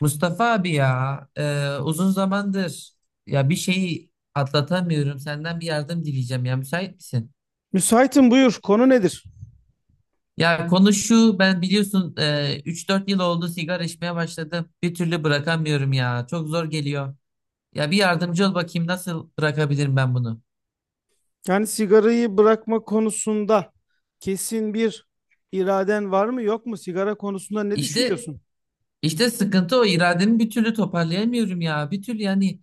Mustafa abi ya uzun zamandır ya bir şeyi atlatamıyorum. Senden bir yardım dileyeceğim ya, müsait misin? Müsaitim, buyur. Konu nedir? Ya konu şu, ben biliyorsun 3-4 yıl oldu sigara içmeye başladım. Bir türlü bırakamıyorum ya, çok zor geliyor. Ya bir yardımcı ol bakayım, nasıl bırakabilirim ben bunu? Yani sigarayı bırakma konusunda kesin bir iraden var mı yok mu? Sigara konusunda ne İşte düşünüyorsun? işte sıkıntı o, irademi bir türlü toparlayamıyorum ya. Bir türlü yani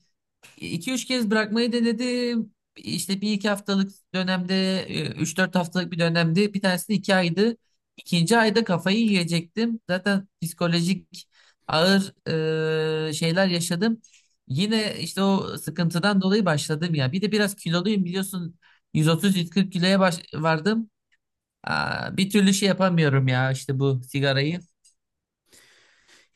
2 üç kez bırakmayı denedim. İşte bir iki haftalık dönemde, üç dört haftalık bir dönemde, bir tanesi 2 aydı. İkinci ayda kafayı yiyecektim. Zaten psikolojik ağır şeyler yaşadım. Yine işte o sıkıntıdan dolayı başladım ya. Bir de biraz kiloluyum biliyorsun. 130-140 kiloya vardım. Aa, bir türlü şey yapamıyorum ya işte bu sigarayı.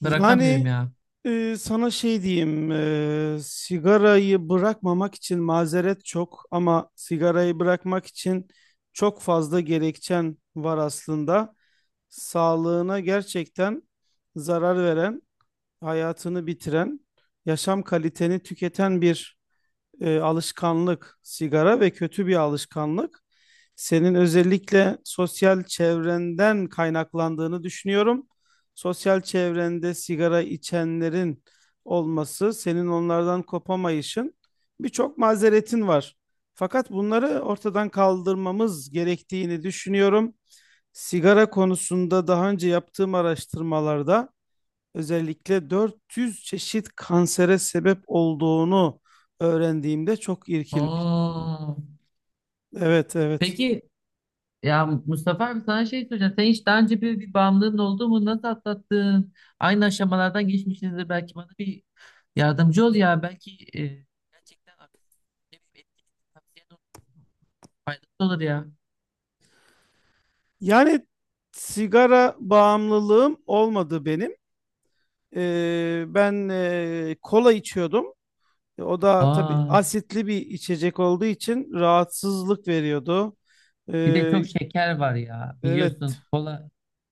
Bırakamıyorum Yani ya. Sana şey diyeyim, sigarayı bırakmamak için mazeret çok ama sigarayı bırakmak için çok fazla gerekçen var aslında. Sağlığına gerçekten zarar veren, hayatını bitiren, yaşam kaliteni tüketen bir alışkanlık, sigara ve kötü bir alışkanlık senin özellikle sosyal çevrenden kaynaklandığını düşünüyorum. Sosyal çevrende sigara içenlerin olması, senin onlardan kopamayışın, birçok mazeretin var. Fakat bunları ortadan kaldırmamız gerektiğini düşünüyorum. Sigara konusunda daha önce yaptığım araştırmalarda özellikle 400 çeşit kansere sebep olduğunu öğrendiğimde çok irkilmiş. Aa, Evet, evet. peki. Ya Mustafa abi, sana şey soracağım. Sen hiç daha önce böyle bir bağımlılığın oldu mu? Nasıl atlattın? Aynı aşamalardan geçmişsinizdir. Belki bana bir yardımcı ol ya. Belki gerçekten aktif bir etkili tavsiyen olur. Faydası olur ya. Yani sigara bağımlılığım olmadı benim. Ben kola içiyordum. O da tabii Aa, asitli bir içecek olduğu için rahatsızlık veriyordu. bir de çok Ee, şeker var ya. evet, Biliyorsun kola,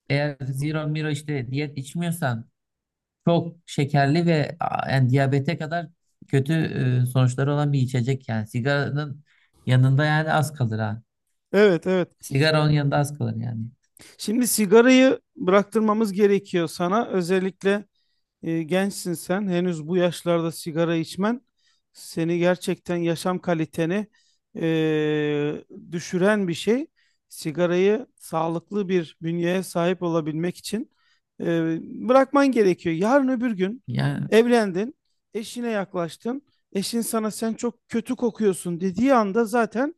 eğer zero miro işte diyet içmiyorsan, çok şekerli ve a, yani diyabete kadar kötü sonuçları olan bir içecek yani. Sigaranın yanında yani az kalır ha. evet, evet. Sigara onun yanında az kalır yani. Şimdi sigarayı bıraktırmamız gerekiyor sana. Özellikle, gençsin sen. Henüz bu yaşlarda sigara içmen seni gerçekten yaşam kaliteni e, düşüren bir şey. Sigarayı sağlıklı bir bünyeye sahip olabilmek için e, bırakman gerekiyor. Yarın öbür gün Ya evlendin, eşine yaklaştın. Eşin sana sen çok kötü kokuyorsun dediği anda zaten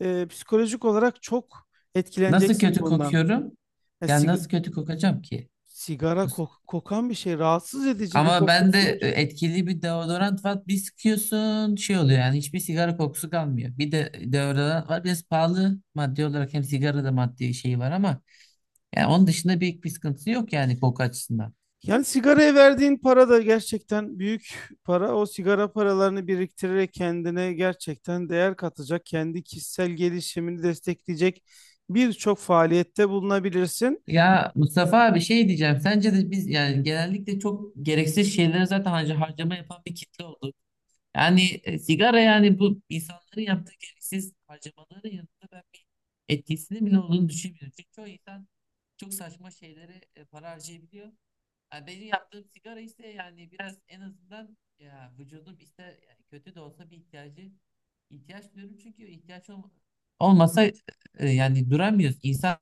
psikolojik olarak çok nasıl etkileneceksin kötü bundan. kokuyorum? Ya Ya siga- nasıl kötü kokacağım ki? Sigara kokan bir şey, rahatsız edici bir Ama ben de kokusu var. etkili bir deodorant var. Bir sıkıyorsun şey oluyor yani, hiçbir sigara kokusu kalmıyor. Bir de deodorant var biraz pahalı maddi olarak, hem sigara da maddi şeyi var ama yani onun dışında büyük bir sıkıntısı yok yani koku açısından. Yani sigaraya verdiğin para da gerçekten büyük para. O sigara paralarını biriktirerek kendine gerçekten değer katacak, kendi kişisel gelişimini destekleyecek birçok faaliyette bulunabilirsin. Ya Mustafa abi şey diyeceğim, sence de biz yani genellikle çok gereksiz şeylere zaten harcama yapan bir kitle oldu. Yani sigara yani bu insanların yaptığı gereksiz harcamaların yanında ben bir etkisinin bile olduğunu düşünmüyorum. Çünkü çoğu insan çok saçma şeylere para harcayabiliyor. Yani benim yaptığım sigara ise yani biraz en azından ya, vücudum ister yani, kötü de olsa bir ihtiyacı, ihtiyaç diyorum çünkü olmasa yani duramıyoruz. İnsan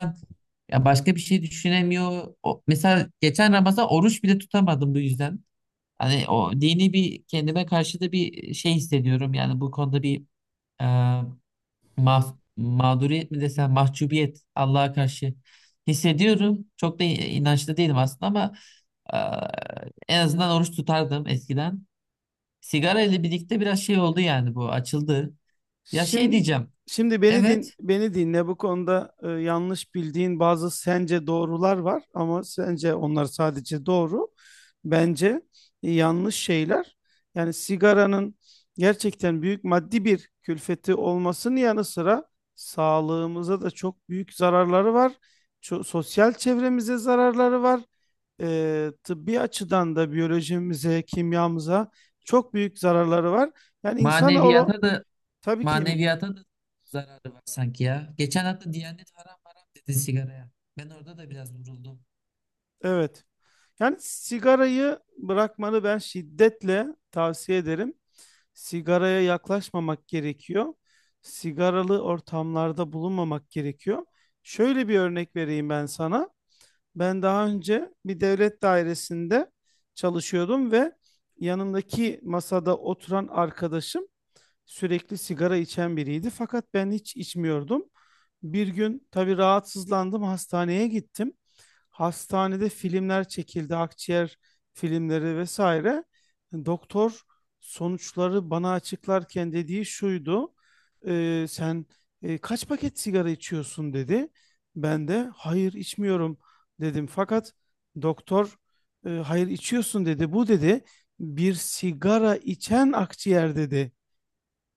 ya başka bir şey düşünemiyor. O, mesela geçen Ramazan oruç bile tutamadım bu yüzden. Hani o dini bir, kendime karşı da bir şey hissediyorum. Yani bu konuda bir e, mağduriyet mi desem, mahcubiyet Allah'a karşı hissediyorum. Çok da inançlı değilim aslında ama en azından oruç tutardım eskiden. Sigara ile birlikte biraz şey oldu yani, bu açıldı. Ya şey Şimdi diyeceğim. şimdi Evet, beni dinle bu konuda. Yanlış bildiğin bazı sence doğrular var ama sence onlar sadece doğru. Bence yanlış şeyler. Yani sigaranın gerçekten büyük maddi bir külfeti olmasının yanı sıra sağlığımıza da çok büyük zararları var. Sosyal çevremize zararları var. Tıbbi açıdan da biyolojimize, kimyamıza çok büyük zararları var. Yani insanoğlu, maneviyata da, tabii ki. maneviyata da zararı var sanki ya. Geçen hafta Diyanet haram haram dedi sigaraya. Ben orada da biraz vuruldum. Evet. Yani sigarayı bırakmanı ben şiddetle tavsiye ederim. Sigaraya yaklaşmamak gerekiyor. Sigaralı ortamlarda bulunmamak gerekiyor. Şöyle bir örnek vereyim ben sana. Ben daha önce bir devlet dairesinde çalışıyordum ve yanımdaki masada oturan arkadaşım sürekli sigara içen biriydi, fakat ben hiç içmiyordum. Bir gün tabii rahatsızlandım, hastaneye gittim. Hastanede filmler çekildi, akciğer filmleri vesaire. Doktor sonuçları bana açıklarken dediği şuydu: sen kaç paket sigara içiyorsun?" dedi. Ben de "hayır, içmiyorum" dedim. Fakat doktor hayır, içiyorsun" dedi. "Bu" dedi "bir sigara içen akciğer" dedi.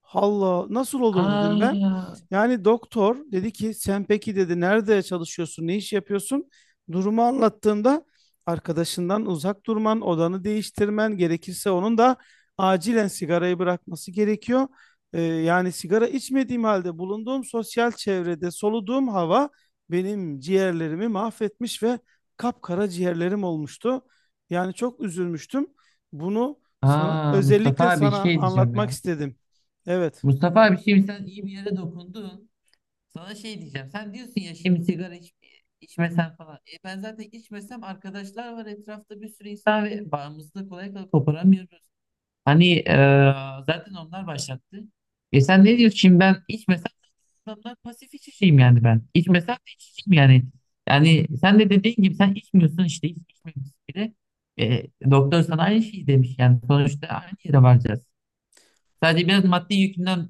"Allah, nasıl olur?" dedim ben. Aa. Yani doktor dedi ki "sen peki" dedi "nerede çalışıyorsun, ne iş yapıyorsun?" Durumu anlattığımda, "arkadaşından uzak durman, odanı değiştirmen, gerekirse onun da acilen sigarayı bırakması gerekiyor." Yani sigara içmediğim halde bulunduğum sosyal çevrede soluduğum hava benim ciğerlerimi mahvetmiş ve kapkara ciğerlerim olmuştu. Yani çok üzülmüştüm. Bunu sana Aa Mustafa özellikle abi sana şey diyeceğim anlatmak ya. istedim. Evet. Mustafa abi şimdi sen iyi bir yere dokundun. Sana şey diyeceğim. Sen diyorsun ya şimdi sigara iç, içmesen falan. E ben zaten içmesem arkadaşlar var etrafta, bir sürü insan ve bağımızda kolay kolay koparamıyoruz. Hani zaten onlar başlattı. E sen ne diyorsun şimdi, ben içmesem adamlar, pasif içeceğim yani ben. İçmesem de içeceğim yani. Yani sen de dediğin gibi, sen içmiyorsun işte, hiç içmemişsin bile. E, doktor sana aynı şeyi demiş yani sonuçta aynı yere varacağız. Sadece biraz maddi yükünden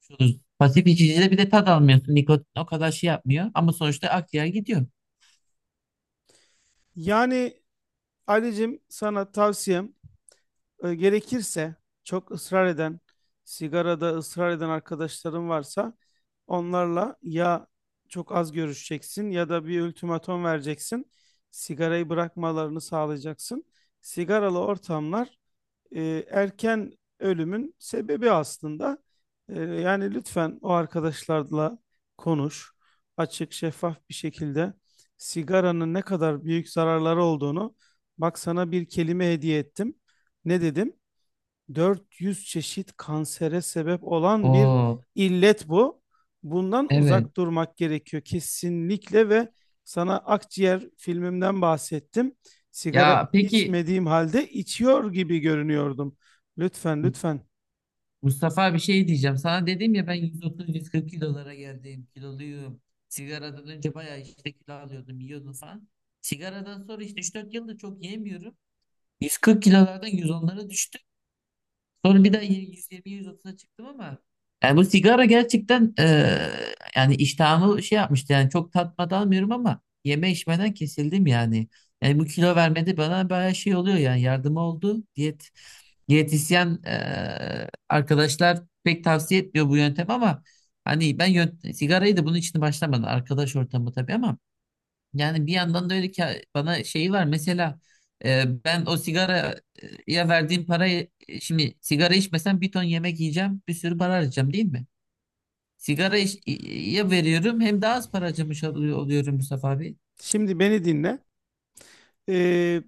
kurtuluyoruz. Pasif içicide bir de tad almıyorsun. Nikotin o kadar şey yapmıyor ama sonuçta akciğer gidiyor. Yani Ali'cim, sana tavsiyem, gerekirse çok ısrar eden, sigarada ısrar eden arkadaşların varsa, onlarla ya çok az görüşeceksin ya da bir ultimatom vereceksin. Sigarayı bırakmalarını sağlayacaksın. Sigaralı ortamlar erken ölümün sebebi aslında. Yani lütfen o arkadaşlarla konuş. Açık, şeffaf bir şekilde sigaranın ne kadar büyük zararları olduğunu, bak, sana bir kelime hediye ettim. Ne dedim? 400 çeşit kansere sebep olan bir Oo, illet bu. Bundan evet. uzak durmak gerekiyor kesinlikle. Ve sana akciğer filmimden bahsettim. Sigara Ya peki, içmediğim halde içiyor gibi görünüyordum. Lütfen, M- lütfen. Mustafa bir şey diyeceğim. Sana dedim ya ben 130-140 kilolara geldim. Kiloluyum. Sigaradan önce bayağı işte kilo alıyordum, yiyordum falan. Sigaradan sonra işte 3-4 yıldır çok yemiyorum. 140 kilolardan 110'lara düştüm. Sonra bir daha 120-130'a çıktım ama yani bu sigara gerçekten yani iştahımı şey yapmıştı yani, çok tatmadan almıyorum ama yeme içmeden kesildim yani. Yani bu kilo vermede bana bayağı şey oluyor yani, yardım oldu. Diyetisyen arkadaşlar pek tavsiye etmiyor bu yöntem ama hani ben sigarayı da bunun için başlamadım, arkadaş ortamı tabii ama yani bir yandan da öyle ki bana şeyi var. Mesela ben o sigaraya verdiğim parayı şimdi sigara içmesem bir ton yemek yiyeceğim, bir sürü para harcayacağım değil mi? Sigara ya veriyorum hem daha az para harcamış oluyorum Mustafa abi. Şimdi beni dinle. Ee,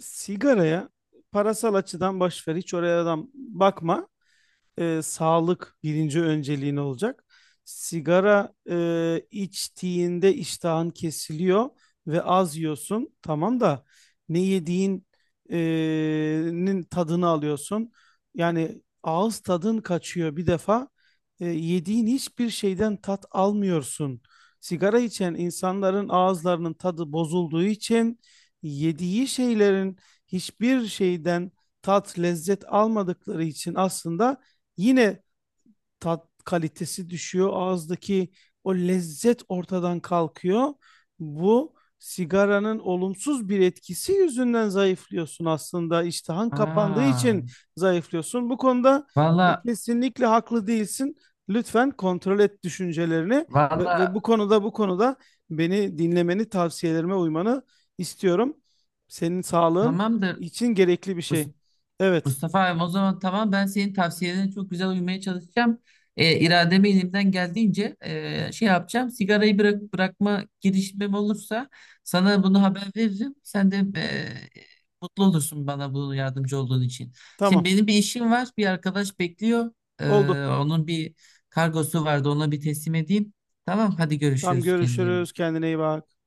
sigaraya parasal açıdan boş ver, hiç oraya adam bakma. Sağlık birinci önceliğin olacak. Sigara içtiğinde iştahın kesiliyor ve az yiyorsun. Tamam da ne yediğin e, nin tadını alıyorsun. Yani ağız tadın kaçıyor bir defa. Yediğin hiçbir şeyden tat almıyorsun. Sigara içen insanların ağızlarının tadı bozulduğu için, yediği şeylerin hiçbir şeyden tat, lezzet almadıkları için aslında, yine tat kalitesi düşüyor. Ağızdaki o lezzet ortadan kalkıyor. Bu sigaranın olumsuz bir etkisi yüzünden zayıflıyorsun aslında. İştahın kapandığı Aa, için zayıflıyorsun. Bu konuda valla, kesinlikle haklı değilsin. Lütfen kontrol et düşüncelerini, ve valla, bu konuda beni dinlemeni, tavsiyelerime uymanı istiyorum. Senin sağlığın tamamdır. için gerekli bir şey. Evet, Mustafa abi o zaman tamam, ben senin tavsiyelerine çok güzel uymaya çalışacağım. İrademi elimden geldiğince şey yapacağım. Sigarayı bırak, bırakma girişimim olursa sana bunu haber veririm. Sen de mutlu olursun bana bu yardımcı olduğun için. tamam. Şimdi benim bir işim var. Bir arkadaş bekliyor. E, Oldu. onun bir kargosu vardı. Ona bir teslim edeyim. Tamam hadi, Tam görüşürüz, kendine iyi görüşürüz. bak. Kendine iyi bak.